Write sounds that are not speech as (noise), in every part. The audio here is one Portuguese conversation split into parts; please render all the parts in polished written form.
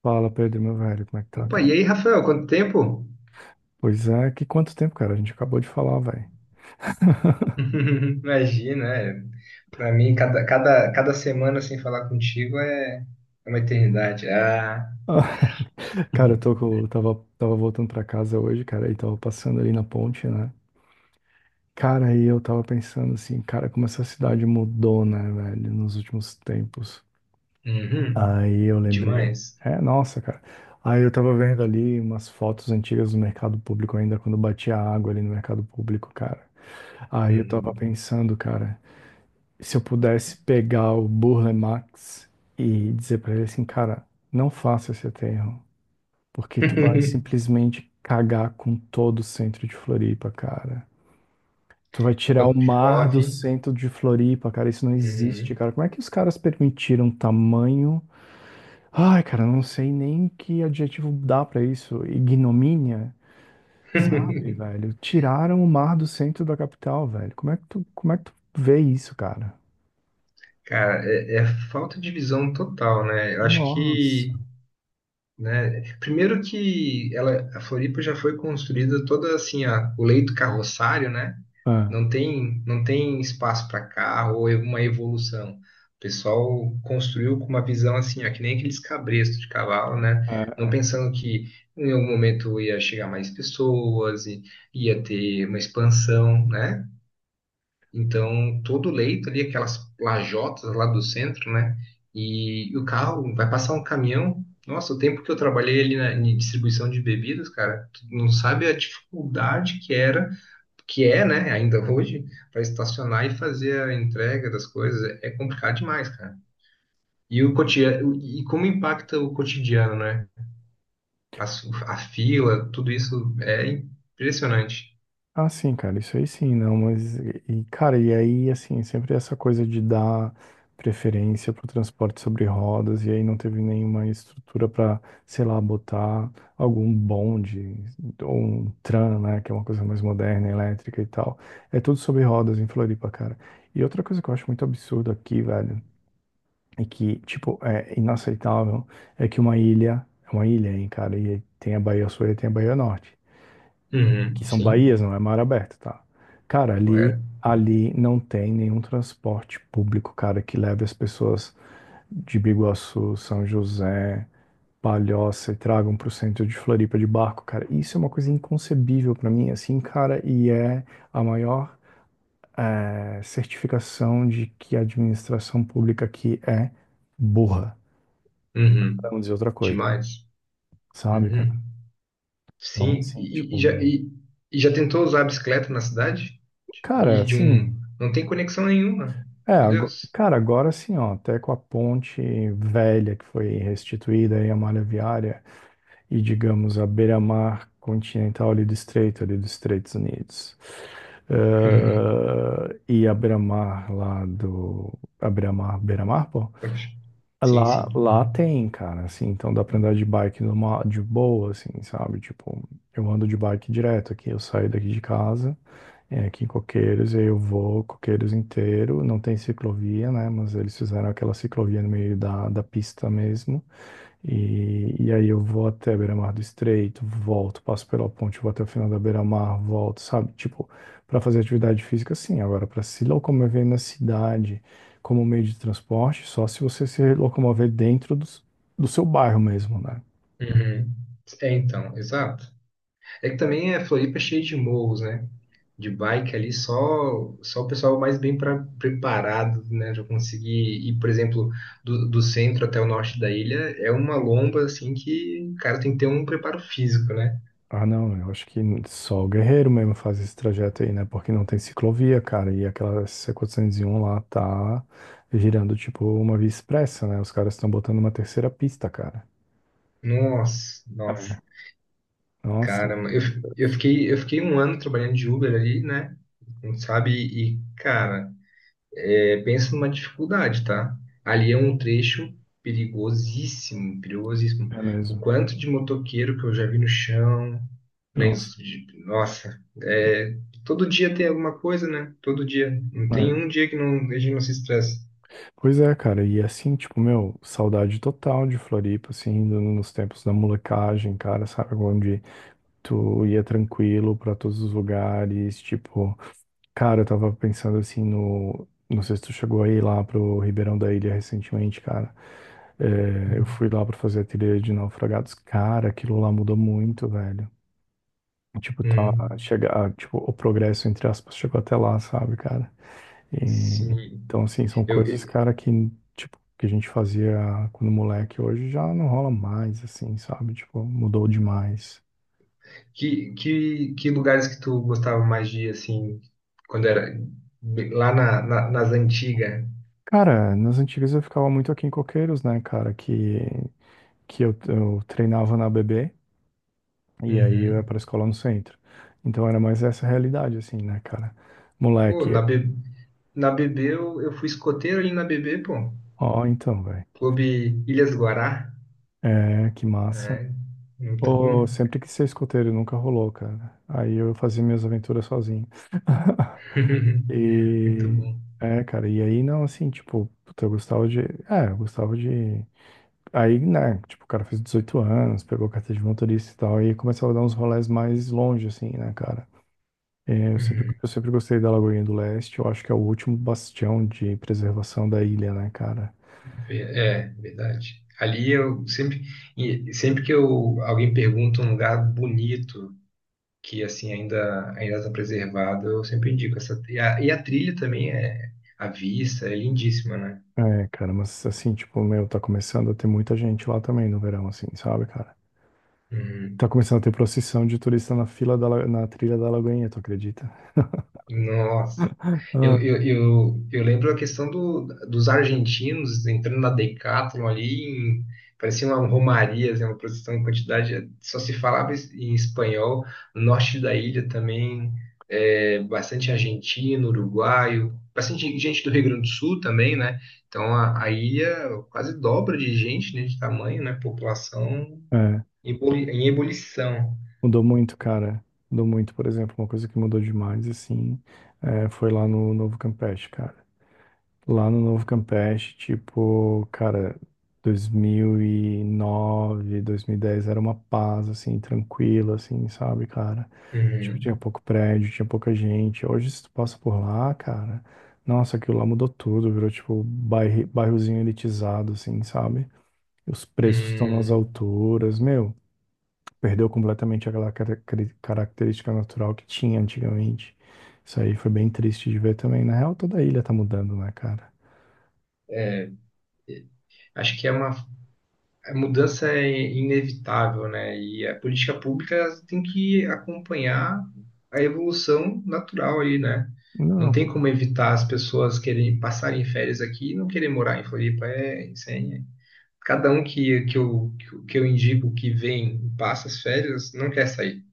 Fala, Pedro, meu velho, como é que tá, Opa, cara? e aí, Rafael, quanto tempo? Pois é, que quanto tempo, cara? A gente acabou de falar, velho. (laughs) Imagina, é. Para mim, cada semana sem falar contigo é uma eternidade. (laughs) Cara, eu tava voltando pra casa hoje, cara, e tava passando ali na ponte, né? Cara, aí eu tava pensando assim, cara, como essa cidade mudou, né, velho, nos últimos tempos. Uhum, Aí eu lembrei. demais. É, nossa, cara. Aí eu tava vendo ali umas fotos antigas do mercado público ainda, quando batia água ali no mercado público, cara. Aí eu tava Uhum. pensando, cara. Se eu pudesse pegar o Burle Marx e dizer pra ele assim, cara, não faça esse aterro, porque tu vai (laughs) simplesmente cagar com todo o centro de Floripa, cara. Tu vai tirar Quando o mar do chove. centro de Floripa, cara, isso não existe, Uhum. cara. Como é que os caras permitiram tamanho? Ai, cara, eu não sei nem que adjetivo dá pra isso. Ignomínia, sabe, (laughs) velho? Tiraram o mar do centro da capital, velho. Como é que tu vê isso, cara? Cara, é falta de visão total, né? Eu acho Nossa. que né? Primeiro que a Floripa já foi construída toda assim, o leito carroçário, né? É, Não tem espaço para carro ou uma evolução. O pessoal construiu com uma visão assim, ó, que nem aqueles cabrestos de cavalo, né? Não é. pensando que em algum momento ia chegar mais pessoas e ia ter uma expansão, né? Então, todo o leito ali, aquelas lajotas lá do centro, né? E o carro vai passar um caminhão. Nossa, o tempo que eu trabalhei em distribuição de bebidas, cara, tu não sabe a dificuldade que era, que é, né, ainda hoje, para estacionar e fazer a entrega das coisas. É complicado demais, cara. E o cotidiano, e como impacta o cotidiano, né? A fila, tudo isso é impressionante. Ah, sim, cara, isso aí sim, não, mas, e, cara, e aí, assim, sempre essa coisa de dar preferência para o transporte sobre rodas, e aí não teve nenhuma estrutura para, sei lá, botar algum bonde, ou um tram, né, que é uma coisa mais moderna, elétrica e tal. É tudo sobre rodas em Floripa, cara. E outra coisa que eu acho muito absurdo aqui, velho, é que, tipo, é inaceitável, é que uma ilha, é uma ilha, hein, cara, e tem a Baía Sul e tem a Baía Norte que Uhum, são sim, baías, não é mar aberto, tá? Cara, ali, correto. ali não tem nenhum transporte público, cara, que leve as pessoas de Biguaçu, São José, Palhoça e tragam pro centro de Floripa de barco, cara. Isso é uma coisa inconcebível pra mim, assim, cara, e é a maior certificação de que a administração pública aqui é burra, pra Uhum, não dizer outra coisa, demais. sabe, Uhum. cara? Então, Sim, assim, tipo, meu... e já tentou usar a bicicleta na cidade? Cara, E de um. assim. Não tem conexão nenhuma. É, Meu Deus. cara, agora sim, ó, até com a ponte velha que foi restituída aí, a malha viária, e digamos a beira-mar continental ali do estreito, ali dos Estados Unidos. Uhum. E a beira-mar lá do. A beira-mar, beira-mar, pô? Pode. Sim, Lá, sim. lá Uhum. tem, cara, assim, então dá pra andar de bike de boa, assim, sabe? Tipo, eu ando de bike direto aqui, eu saio daqui de casa, aqui em Coqueiros, e aí eu vou Coqueiros inteiro, não tem ciclovia, né? Mas eles fizeram aquela ciclovia no meio da, pista mesmo, e aí eu vou até Beira-Mar do Estreito, volto, passo pela ponte, vou até o final da Beira-Mar, volto, sabe? Tipo, pra fazer atividade física, sim, agora pra se locomover na cidade como meio de transporte, só se você se locomover dentro do seu bairro mesmo, né? Uhum. É, então, exato. É que também a Floripa é cheia de morros, né? De bike ali, só o pessoal mais preparado, né? Já conseguir ir, por exemplo, do centro até o norte da ilha, é uma lomba, assim, que o cara tem que ter um preparo físico, né? Ah, não, eu acho que só o Guerreiro mesmo faz esse trajeto aí, né? Porque não tem ciclovia, cara, e aquela C401 lá tá girando tipo uma via expressa, né? Os caras estão botando uma terceira pista, cara. Nossa, nossa. É. Nossa, Cara, meu eu, eu Deus. fiquei, eu fiquei um ano trabalhando de Uber ali, né? Não sabe? E, cara, é, pensa numa dificuldade, tá? Ali é um trecho perigosíssimo, perigosíssimo. É O mesmo. quanto de motoqueiro que eu já vi no chão, Nossa. lenço de... Nossa, é, todo dia tem alguma coisa, né? Todo dia. Não tem É. um dia que não, a gente não se estresse. Pois é, cara, e assim, tipo, meu, saudade total de Floripa, assim, nos tempos da molecagem, cara, sabe, onde tu ia tranquilo pra todos os lugares, tipo, cara, eu tava pensando assim não sei se tu chegou aí lá pro Ribeirão da Ilha recentemente, cara. É, eu fui lá pra fazer a trilha de naufragados, cara, aquilo lá mudou muito, velho. Tipo, tá, Hum, chega, tipo, o progresso, entre aspas, chegou até lá, sabe, cara? E, sim. então, assim, são Eu, coisas, cara, que, tipo, que a gente fazia quando moleque, hoje já não rola mais, assim, sabe? Tipo, mudou demais. que lugares que tu gostava mais de ir, assim, quando era lá nas antigas? Cara, nas antigas eu ficava muito aqui em Coqueiros, né, cara, que eu treinava na ABB e aí eu ia Uhum. pra escola no centro. Então era mais essa realidade, assim, né, cara. Pô, na, Moleque, B, na BB eu fui escoteiro ali na BB, pô. ó, então, velho. Clube Ilhas Guará. É, que massa. É, muito Ô, bom. sempre quis ser escoteiro, nunca rolou, cara. Aí eu fazia minhas aventuras sozinho. (laughs) (laughs) Muito E, bom. Cara, e aí não, assim, tipo, puta, eu gostava de Aí, né, tipo, o cara fez 18 anos, pegou a carteira de motorista e tal, e começava a dar uns rolés mais longe, assim, né, cara? É, Eu sempre, Uhum. eu sempre gostei da Lagoinha do Leste, eu acho que é o último bastião de preservação da ilha, né, cara? É, verdade. Ali eu sempre, e sempre que eu, alguém pergunta um lugar bonito, que assim ainda está preservado, eu sempre indico essa. E a trilha também é a vista, é lindíssima, né? É, cara, mas assim, tipo, meu, tá começando a ter muita gente lá também no verão, assim, sabe, cara? Uhum. Tá começando a ter procissão de turista na fila da, na trilha da Lagoinha, tu acredita? (laughs) Nossa. Eu, Ah, eu, eu, eu lembro a questão dos argentinos entrando na Decathlon ali, em, parecia uma romaria, assim, uma produção em quantidade, só se falava em espanhol. No norte da ilha também, é, bastante argentino, uruguaio, bastante gente do Rio Grande do Sul também, né? Então a ilha quase dobra de gente, né, de tamanho, né? População é, em ebulição. mudou muito, cara. Mudou muito, por exemplo, uma coisa que mudou demais, assim, foi lá no Novo Campeche, cara. Lá no Novo Campeche, tipo, cara, 2009, dez, era uma paz, assim, tranquila, assim, sabe, cara? Tipo, Uhum. tinha pouco prédio, tinha pouca gente. Hoje, se tu passa por lá, cara, nossa, aquilo lá mudou tudo, virou, tipo, bairro, bairrozinho elitizado, assim, sabe? Os preços estão nas Hum. alturas, meu, perdeu completamente aquela característica natural que tinha antigamente. Isso aí foi bem triste de ver também. Na real, toda a ilha tá mudando, né, cara? É, acho que é uma a mudança é inevitável, né? E a política pública ela tem que acompanhar a evolução natural aí, né? Não Não, tem como evitar as pessoas querem passarem férias aqui e não querer morar em Floripa. É, isso aí é. Cada um que eu indico que vem e passa as férias não quer sair.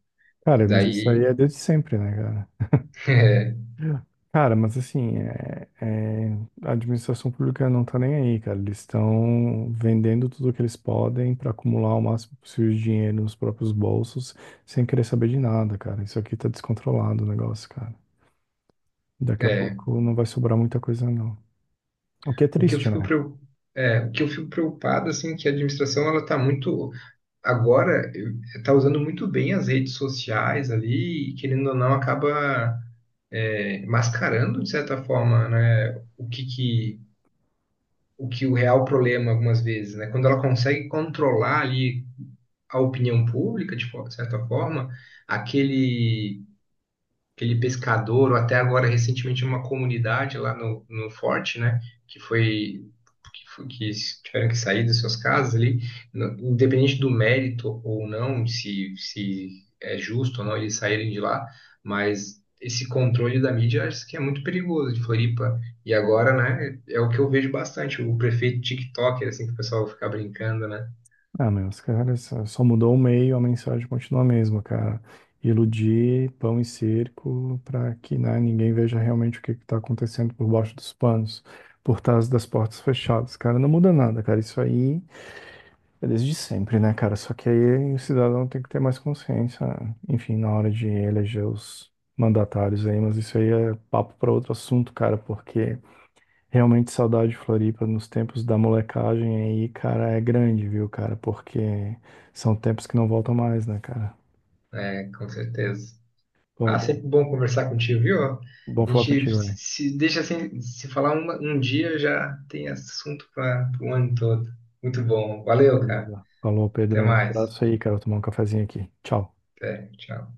cara, mas isso aí Daí, é desde sempre, né, cara? (laughs) é, Cara, mas assim, a administração pública não tá nem aí, cara. Eles estão vendendo tudo que eles podem para acumular o máximo possível de dinheiro nos próprios bolsos, sem querer saber de nada, cara. Isso aqui tá descontrolado o negócio, cara. Daqui a é, pouco não vai sobrar muita coisa, não. O que é o que eu triste, fico né? preocupado. É, o que eu fico preocupado, assim, é que a administração ela está muito agora está usando muito bem as redes sociais ali, e, querendo ou não, acaba é, mascarando, de certa forma, né, o que o real problema algumas vezes, né? Quando ela consegue controlar ali a opinião pública, de de certa forma, aquele aquele pescador, ou até agora recentemente uma comunidade lá no forte, né? Que foi, que tiveram que sair das suas casas ali, independente do mérito ou não, se é justo ou não eles saírem de lá, mas esse controle da mídia acho que é muito perigoso de Floripa. E agora, né, é o que eu vejo bastante, o prefeito TikToker, assim que o pessoal fica brincando, né? Ah, meu, os caras só mudou o meio, a mensagem continua a mesma, cara. Iludir pão e circo para que, né, ninguém veja realmente o que está acontecendo por baixo dos panos, por trás das portas fechadas. Cara, não muda nada, cara. Isso aí é desde sempre, né, cara? Só que aí o cidadão tem que ter mais consciência, enfim, na hora de eleger os mandatários aí, mas isso aí é papo para outro assunto, cara, porque. Realmente saudade de Floripa nos tempos da molecagem aí, cara, é grande, viu, cara? Porque são tempos que não voltam mais, né, cara? É, com certeza. Bom, Ah, bom, sempre bom conversar contigo, viu? A bom falar gente contigo, velho. se deixa assim, se falar um dia já tem assunto para o ano todo. Muito bom. Valeu, cara. Beleza. Falou, Até Pedro. Um mais. abraço aí, cara. Vou tomar um cafezinho aqui. Tchau. Até, tchau.